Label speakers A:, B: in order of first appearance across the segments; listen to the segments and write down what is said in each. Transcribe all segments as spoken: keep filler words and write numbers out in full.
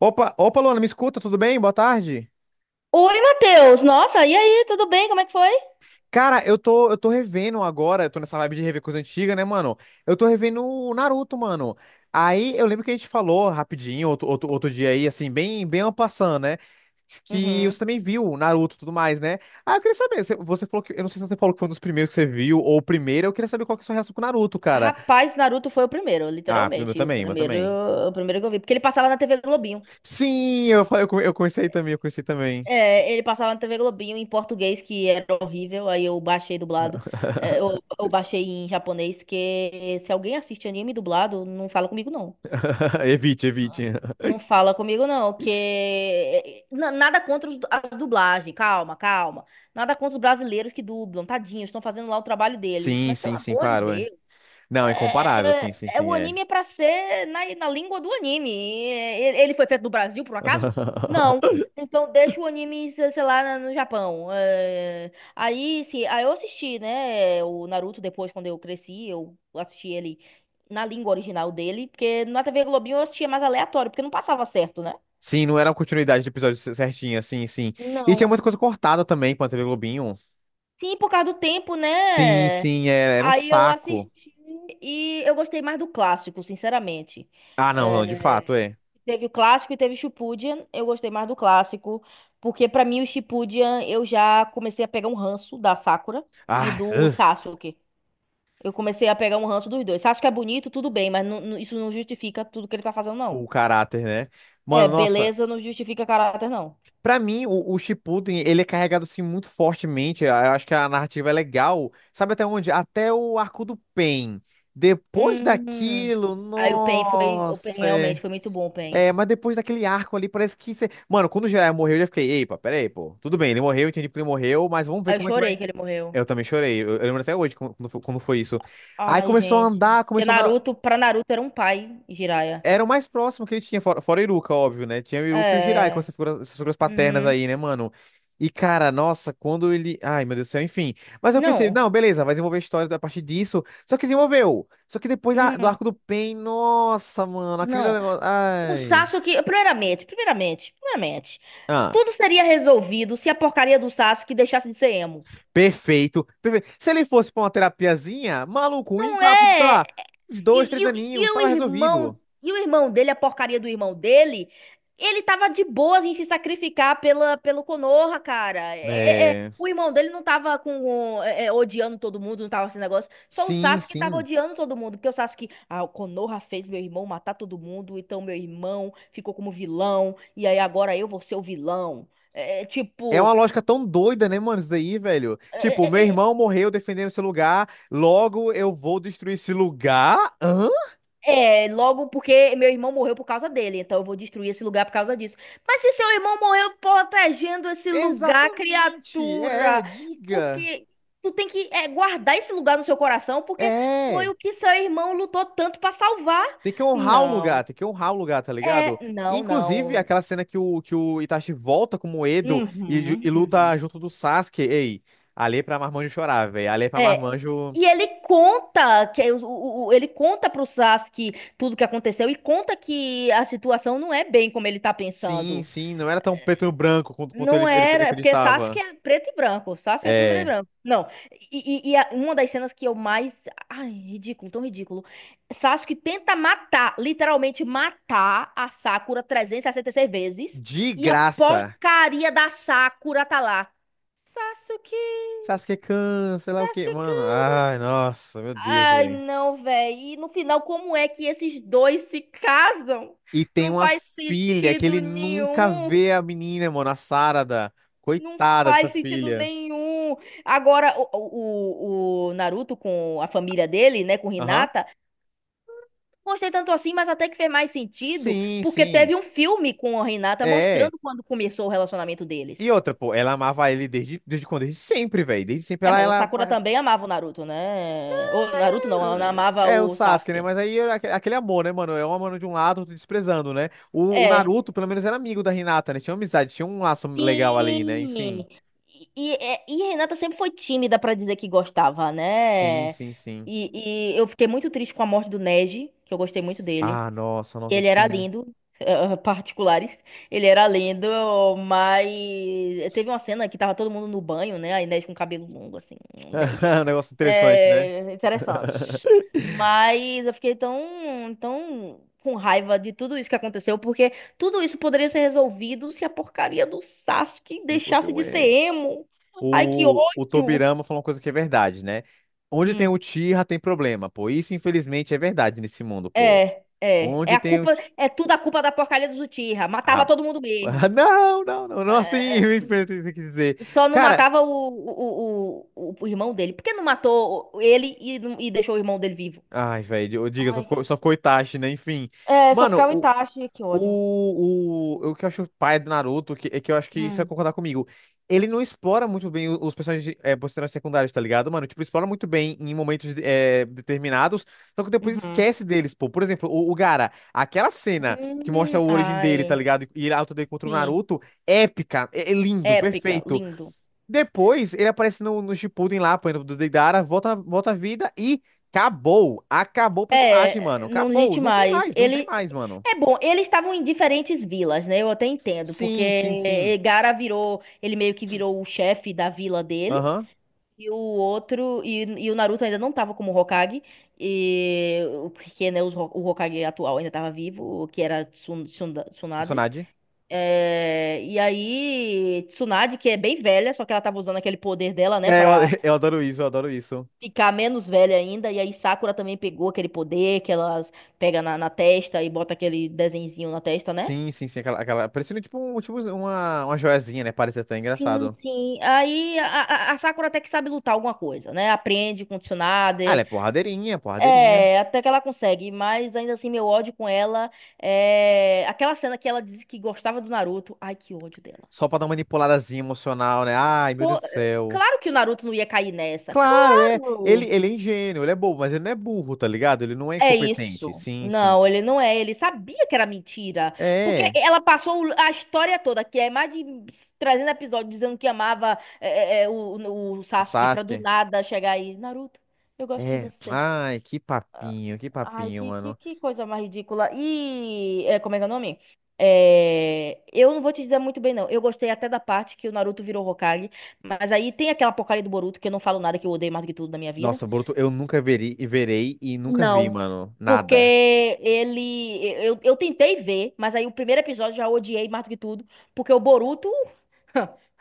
A: Opa, opa, Luana, me escuta, tudo bem? Boa tarde.
B: Oi, Matheus! Nossa, e aí, tudo bem? Como é que foi?
A: Cara, eu tô, eu tô revendo agora, eu tô nessa vibe de rever coisa antiga, né, mano? Eu tô revendo o Naruto, mano. Aí eu lembro que a gente falou rapidinho, outro, outro, outro dia aí, assim, bem, bem en passant, né? Que você
B: Uhum.
A: também viu o Naruto e tudo mais, né? Ah, eu queria saber, você, você falou que, eu não sei se você falou que foi um dos primeiros que você viu, ou o primeiro, eu queria saber qual que é a sua reação com o Naruto, cara.
B: Rapaz, Naruto foi o primeiro,
A: Ah, o meu
B: literalmente. O
A: também, o meu
B: primeiro,
A: também.
B: o primeiro que eu vi. Porque ele passava na tê vê Globinho.
A: Sim, eu falei, eu, come- eu comecei também, eu comecei também.
B: É, ele passava na tê vê Globinho em português, que era horrível. Aí eu baixei dublado. É, eu, eu baixei em japonês, que se alguém assiste anime dublado, não fala comigo, não.
A: Evite, evite.
B: Não fala comigo, não, que eh, na- nada contra os- a dublagem, calma, calma. Nada contra os brasileiros que dublam, tadinhos, estão fazendo lá o trabalho deles.
A: Sim,
B: Mas pelo
A: sim, sim,
B: amor de
A: claro, é.
B: Deus.
A: Não, incomparável,
B: É,
A: sim,
B: é-
A: sim,
B: é
A: sim,
B: o
A: é.
B: anime é pra ser na, na língua do anime. E- Ele foi feito no Brasil, por um acaso? Não. Então deixa o anime, se- sei lá, na- no Japão. É, aí, sim, aí eu assisti, né, o Naruto depois, quando eu cresci, eu assisti ele na língua original dele, porque na tê vê Globinho eu assistia mais aleatório, porque não passava certo, né?
A: Sim, não era uma continuidade do episódio cer- certinho, sim, sim. E tinha
B: Não.
A: muita coisa cortada também pra T V Globinho.
B: Sim, por causa do tempo,
A: Sim,
B: né?
A: sim, era, era um
B: Aí eu
A: saco.
B: assisti e eu gostei mais do clássico, sinceramente.
A: Ah, não, não, de
B: É,
A: fato, é.
B: teve o clássico e teve o Shippuden. Eu gostei mais do clássico, porque pra mim o Shippuden eu já comecei a pegar um ranço da Sakura e
A: Ah,
B: do
A: ugh,
B: Sasuke. Eu comecei a pegar um ranço dos dois. Sasuke é bonito, tudo bem, mas não- não- isso não justifica tudo que ele tá fazendo, não.
A: o caráter, né?
B: É,
A: Mano, nossa,
B: beleza não justifica caráter, não.
A: pra mim, o, o Shippuden, ele é carregado, assim, muito fortemente. Ah, eu acho que a narrativa é legal. Sabe até onde? Até o arco do Pain. Depois
B: Hum.
A: daquilo,
B: Aí o pen foi, O pen
A: nossa. É.
B: realmente foi muito bom, o Pain.
A: É, mas depois daquele arco ali, parece que você. Mano, quando o Jiraiya morreu, eu já fiquei, epa, peraí, pô. Tudo bem, ele morreu, entendi que ele morreu, mas vamos ver
B: Aí eu
A: como é que vai.
B: chorei que ele morreu.
A: Eu também chorei, eu, eu lembro até hoje como, como foi como foi isso. Aí
B: Ai,
A: começou a
B: gente.
A: andar,
B: Porque
A: começou a andar.
B: Naruto, pra Naruto era um pai, Jiraiya.
A: Era o mais próximo que ele tinha, fora, fora o Iruka, óbvio, né? Tinha o Iruka e o Jiraiya com
B: É.
A: essas figuras, essas figuras paternas
B: Uhum.
A: aí, né, mano? E, cara, nossa, quando ele. Ai, meu Deus do céu, enfim. Mas eu pensei,
B: Não.
A: não, beleza, vai desenvolver a história a partir disso. Só que desenvolveu. Só que depois da- do
B: Não.
A: arco do Pain, nossa, mano, aquele
B: Não.
A: negócio.
B: O Sasuke, primeiramente, primeiramente, primeiramente,
A: Ai.
B: tudo seria resolvido se a porcaria do Sasuke deixasse de ser emo.
A: Perfeito, perfeito. Se ele fosse pra uma terapiazinha, maluco, em
B: Não
A: papo de, sei
B: é. É,
A: lá, uns dois,
B: E,
A: três
B: e, o
A: aninhos,
B: e o
A: tava resolvido.
B: irmão, e o irmão dele, a porcaria do irmão dele, ele tava de boas em se sacrificar pela, pelo Konoha, cara. É- é- é,
A: É.
B: o irmão dele não tava com, com- é, é, odiando todo mundo, não tava esse negócio. Só o
A: Sim,
B: Sasuke tava
A: sim.
B: odiando todo mundo, porque o Sasuke, ah, o Konoha fez meu irmão matar todo mundo, então meu irmão ficou como vilão, e aí agora eu vou ser o vilão. É, é,
A: É uma
B: tipo,
A: lógica tão doida, né, mano, isso daí, velho? Tipo,
B: é,
A: meu
B: é, é,
A: irmão morreu defendendo esse lugar, logo eu vou destruir esse lugar? Hã?
B: é, logo porque meu irmão morreu por causa dele, então eu vou destruir esse lugar por causa disso. Mas se seu irmão morreu protegendo esse lugar,
A: Exatamente. É,
B: criatura,
A: diga.
B: porque tu tem que é, guardar esse lugar no seu coração, porque foi
A: É.
B: o que seu irmão lutou tanto pra salvar.
A: Tem que honrar o lugar,
B: Não,
A: tem que honrar o lugar, tá ligado?
B: é, não,
A: Inclusive,
B: não.
A: aquela cena que o, que o Itachi volta com o Edo e, ju-
B: Uhum,
A: e luta
B: uhum.
A: junto do Sasuke. Ei, ali é pra Marmanjo chorar, velho. Ali é pra
B: É.
A: Marmanjo.
B: E ele conta que o, o- o- ele conta pro Sasuke tudo que aconteceu e conta que a situação não é bem como ele tá
A: Sim,
B: pensando.
A: sim, não era tão preto no branco quanto, quanto
B: Não
A: ele, ele
B: era, é porque Sasuke
A: acreditava.
B: é preto e branco. Sasuke é tudo preto e
A: É.
B: branco. Não. E, e- e a- uma das cenas que eu mais. Ai, ridículo, tão ridículo. Sasuke tenta matar, literalmente matar a Sakura trezentas e sessenta e seis vezes.
A: De
B: E a
A: graça.
B: porcaria da Sakura tá lá. Sasuke,
A: Sasuke-kun, sei lá o quê. Mano,
B: Sasuke.
A: ai, nossa, meu Deus,
B: Ai,
A: velho.
B: não, véi. E no final, como é que esses dois se casam?
A: E tem
B: Não
A: uma
B: faz
A: filha que
B: sentido
A: ele nunca
B: nenhum.
A: vê a menina, mano, a Sarada.
B: Não
A: Coitada dessa
B: faz sentido
A: filha.
B: nenhum. Agora, o, o, o Naruto com a família dele, né, com
A: Aham.
B: Hinata, não gostei tanto assim, mas até que fez mais sentido,
A: Sim,
B: porque
A: sim.
B: teve um filme com a Hinata
A: É.
B: mostrando quando começou o relacionamento
A: E
B: deles.
A: outra, pô, ela amava ele desde, desde quando? Desde sempre, velho. Desde sempre
B: É,
A: ela,
B: mas a
A: ela.
B: Sakura também amava o Naruto, né? O Naruto não, ela amava
A: É o
B: o
A: Sasuke, né?
B: Sasuke.
A: Mas aí era aque- aquele amor, né, mano? É um amor de um lado, outro desprezando, né? O, o
B: É.
A: Naruto, pelo menos, era amigo da Hinata, né? Tinha amizade, tinha um laço legal ali, né? Enfim.
B: Sim. E, e, é- e a Renata sempre foi tímida pra dizer que gostava,
A: Sim,
B: né?
A: sim, sim.
B: E, e eu fiquei muito triste com a morte do Neji, que eu gostei muito dele.
A: Ah, nossa, nossa,
B: Ele era
A: sim.
B: lindo, eh, eh, particulares. Ele era lindo, mas teve uma cena que tava todo mundo no banho, né? A Inês com cabelo longo, assim, Inês.
A: Um negócio interessante, né?
B: É, interessante. Mas eu fiquei tão, tão com raiva de tudo isso que aconteceu, porque tudo isso poderia ser resolvido se a porcaria do Sasuke
A: Não fosse
B: deixasse
A: um
B: de ser
A: erro.
B: emo. Ai, que
A: O, o
B: ódio!
A: Tobirama falou uma coisa que é verdade, né? Onde tem
B: Hum,
A: o Uchiha tem problema, pô. Isso, infelizmente, é verdade nesse mundo, pô.
B: é, é. É
A: Onde
B: a
A: tem o.
B: culpa,
A: Uchi-
B: é tudo a culpa da porcaria dos Uchiha.
A: ah,
B: Matava todo mundo
A: Ah,
B: mesmo.
A: não, não, não, não assim,
B: É,
A: enfim, tem que dizer.
B: só não
A: Cara,
B: matava o, o, o, o, o irmão dele. Por que não matou ele e, não- e deixou o irmão dele vivo?
A: ai, velho, diga, só ficou,
B: Ai,
A: só ficou Itachi, né? Enfim.
B: é, só
A: Mano,
B: ficava o
A: o,
B: Itachi, que ódio.
A: o, o, o que eu acho o pai do Naruto, que, é que eu acho que isso vai
B: Hum,
A: concordar comigo. Ele não explora muito bem o- os personagens, é, personagens secundários, tá ligado, mano? Tipo, explora muito bem em momentos é, determinados, só que depois
B: uhum.
A: esquece deles, pô. Por exemplo, o, o Gaara, aquela cena que
B: Hum,
A: mostra a origem dele, tá
B: ai,
A: ligado? E a luta dele contra o
B: sim.
A: Naruto, épica, é é lindo,
B: Épica,
A: perfeito.
B: lindo.
A: Depois ele aparece no, no Shippuden lá, apanhando do Deidara, volta, volta à vida e acabou. Acabou o personagem, mano.
B: É, não
A: Acabou.
B: existe
A: Não tem
B: mais.
A: mais, não tem
B: Ele
A: mais, mano.
B: é bom, eles estavam em diferentes vilas, né? Eu até entendo,
A: Sim, sim,
B: porque
A: sim.
B: Gara virou, ele meio que virou o chefe da vila dele.
A: Aham.
B: E o outro, e, e o Naruto ainda não tava como Hokage, e, porque né, os Ho- o Hokage atual ainda tava vivo, que era Tsun- Tsunda- Tsunade.
A: Personagem.
B: É, e aí, Tsunade, que é bem velha, só que ela tava usando aquele poder dela, né,
A: É, eu,
B: pra
A: eu adoro isso, eu adoro isso.
B: ficar menos velha ainda. E aí, Sakura também pegou aquele poder que ela pega na, na testa e bota aquele desenzinho na testa, né?
A: Sim, sim, sim. Aquela, aquela parecendo tipo, um, tipo uma, uma joiazinha, né? Parece até
B: Sim,
A: engraçado.
B: sim. Aí a, a a Sakura até que sabe lutar alguma coisa, né? Aprende com o
A: Ah, ela
B: Tsunade.
A: é porradeirinha, porradeirinha.
B: É, até que ela consegue, mas ainda assim meu ódio com ela é aquela cena que ela disse que gostava do Naruto. Ai, que ódio dela.
A: Só pra dar uma manipuladazinha emocional, né? Ai, meu
B: Pô,
A: Deus do
B: é,
A: céu.
B: claro que o Naruto não ia cair nessa.
A: Claro, é. Ele,
B: Claro.
A: ele é ingênuo, ele é bobo, mas ele não é burro, tá ligado? Ele não é
B: É
A: incompetente.
B: isso.
A: Sim, sim.
B: Não, ele não é. Ele sabia que era mentira. Porque
A: É.
B: ela passou o- a história toda, que é mais de trezentos episódios, dizendo que amava é, é, é, o, o
A: O
B: Sasuke, pra do
A: Sasuke.
B: nada chegar aí. Naruto, eu gosto de
A: É.
B: você.
A: Ai, que papinho, que
B: Ai,
A: papinho,
B: que, que,
A: mano.
B: que coisa mais ridícula. E é, como é que é o nome? É, eu não vou te dizer muito bem, não. Eu gostei até da parte que o Naruto virou Hokage, mas aí tem aquela porcaria do Boruto que eu não falo nada, que eu odeio mais do que tudo na minha vida.
A: Nossa, Boruto, eu nunca veri, verei e nunca vi,
B: Não,
A: mano.
B: porque
A: Nada.
B: ele. Eu, eu tentei ver, mas aí o primeiro episódio já odiei mais do que tudo, porque o Boruto.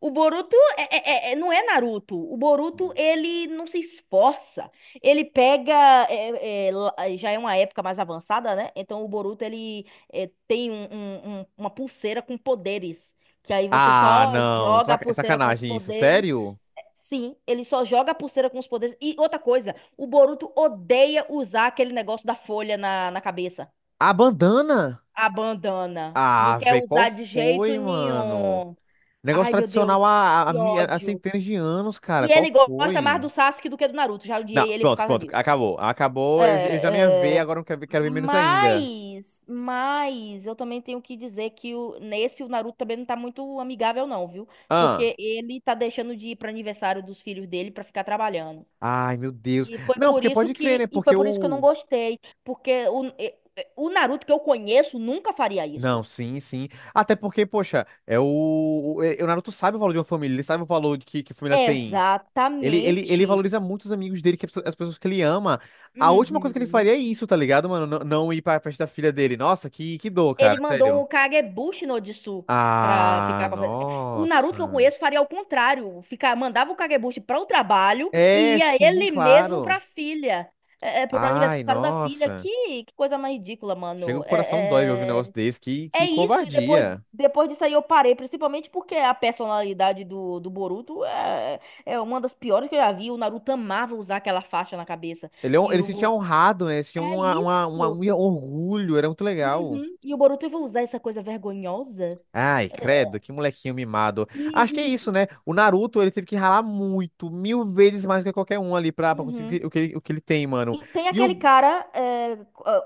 B: O Boruto é, é- é- é, não é Naruto. O Boruto, ele não se esforça. Ele pega. É- é, lá- já é uma época mais avançada, né? Então o Boruto, ele é, tem um- um- um- uma pulseira com poderes. Que aí você
A: Ah,
B: só
A: não. é
B: joga a
A: saca- É
B: pulseira com os
A: sacanagem isso,
B: poderes.
A: sério?
B: Sim, ele só joga a pulseira com os poderes. E outra coisa, o Boruto odeia usar aquele negócio da folha na, na cabeça.
A: A bandana?
B: A bandana. Não
A: Ah,
B: quer
A: velho, qual
B: usar de jeito
A: foi, mano?
B: nenhum.
A: Negócio
B: Ai, meu Deus,
A: tradicional há, há, há
B: que
A: mi- há
B: ódio.
A: centenas de anos, cara.
B: E
A: Qual
B: ele gosta mais
A: foi?
B: do Sasuke do que do Naruto. Já
A: Não,
B: odiei ele por
A: pronto,
B: causa
A: pronto.
B: disso.
A: Acabou. Acabou. Eu, eu já não ia
B: É,
A: ver,
B: é,
A: agora eu quero ver, quero ver menos ainda.
B: Mas, mas eu também tenho que dizer que o, nesse o Naruto também não tá muito amigável, não, viu?
A: Ah.
B: Porque ele tá deixando de ir para aniversário dos filhos dele para ficar trabalhando.
A: Ai, meu Deus.
B: E foi
A: Não,
B: por
A: porque
B: isso
A: pode crer,
B: que
A: né?
B: e
A: Porque
B: foi por isso que eu não
A: o.
B: gostei, porque o, e- e- o Naruto que eu conheço nunca faria
A: Não,
B: isso.
A: sim, sim. Até porque, poxa, é o, o, é- o Naruto sabe o valor de uma família, ele sabe o valor de que, que a família tem. Ele, ele, ele
B: Exatamente.
A: valoriza muito os amigos dele, que é as pessoas as pessoas que ele ama. A última coisa que ele
B: Uhum.
A: faria é isso, tá ligado, mano? Não, não ir pra festa da filha dele. Nossa, que, que dor,
B: Ele
A: cara,
B: mandou
A: sério.
B: o Kagebushi no Jutsu pra
A: Ah,
B: ficar com a... fe- O Naruto que eu
A: nossa.
B: conheço faria ao contrário, ficar, mandava o Kagebushi para o trabalho e
A: É,
B: ia
A: sim,
B: ele mesmo
A: claro.
B: pra filha. É, é, pro
A: Ai,
B: aniversário da filha.
A: nossa.
B: Que, que coisa mais ridícula,
A: Chega
B: mano.
A: o coração dói de ouvir um
B: É,
A: negócio
B: é,
A: desse. Que,
B: É
A: que
B: isso, e depois,
A: covardia.
B: depois disso aí eu parei, principalmente porque a personalidade do, do Boruto é, é uma das piores que eu já vi. O Naruto amava usar aquela faixa na cabeça.
A: Ele, é um-
B: E
A: ele
B: o
A: se sentia
B: Bo-
A: honrado, né? Ele se tinha
B: É
A: uma, uma, uma- um
B: isso.
A: orgulho, era muito legal.
B: Uhum. E o Boruto vai usar essa coisa vergonhosa.
A: Ai,
B: É,
A: credo, que molequinho mimado.
B: E,
A: Acho que é isso,
B: e-
A: né? O Naruto, ele teve que ralar muito, mil vezes mais do que qualquer um ali pra, pra
B: uhum.
A: conseguir o que, o que ele o que ele tem, mano.
B: E tem
A: E
B: aquele
A: o.
B: cara, é,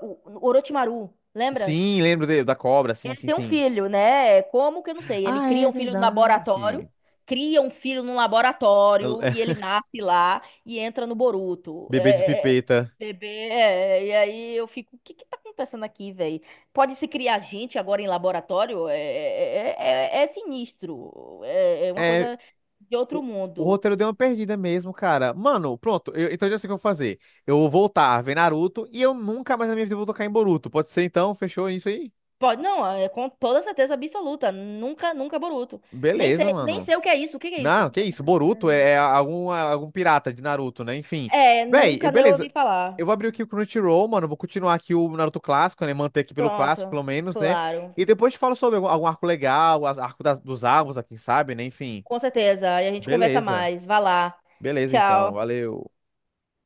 B: o o Orochimaru, lembra?
A: Sim, lembro de- da cobra, sim,
B: Ele
A: sim,
B: tem um
A: sim.
B: filho, né? Como que eu não sei? Ele
A: Ah,
B: cria
A: é
B: um filho no laboratório,
A: verdade.
B: cria um filho no
A: El-
B: laboratório
A: é,
B: e ele nasce lá e entra no Boruto.
A: bebê de
B: É, é, é,
A: pipeta.
B: bebê, é, e aí eu fico, o que que tá acontecendo aqui, velho? Pode se criar gente agora em laboratório? É, é, é- é é sinistro. É, é uma
A: É.
B: coisa de outro
A: O o
B: mundo.
A: roteiro deu uma perdida mesmo, cara. Mano, pronto. Eu- então eu já sei o que eu vou fazer. Eu vou voltar a ver Naruto e eu nunca mais na minha vida vou tocar em Boruto. Pode ser então? Fechou isso aí?
B: Pode, não, é com toda certeza absoluta. Nunca, nunca Boruto. Nem
A: Beleza,
B: sei, nem
A: mano.
B: sei o que é isso. O que que é
A: Não,
B: isso?
A: que isso, Boruto é algum, algum pirata de Naruto, né? Enfim.
B: É,
A: Véi, eu-
B: nunca nem ouvi
A: beleza. Eu
B: falar.
A: vou abrir aqui o Crunchyroll, mano. Vou continuar aqui o Naruto clássico, né? Manter aqui pelo clássico,
B: Pronto,
A: pelo menos, né?
B: claro.
A: E depois te falo sobre algum, algum arco legal, as- arco das, dos árvores, quem sabe, né? Enfim.
B: Com certeza. E a gente conversa
A: Beleza.
B: mais. Vá lá.
A: Beleza, então.
B: Tchau.
A: Valeu.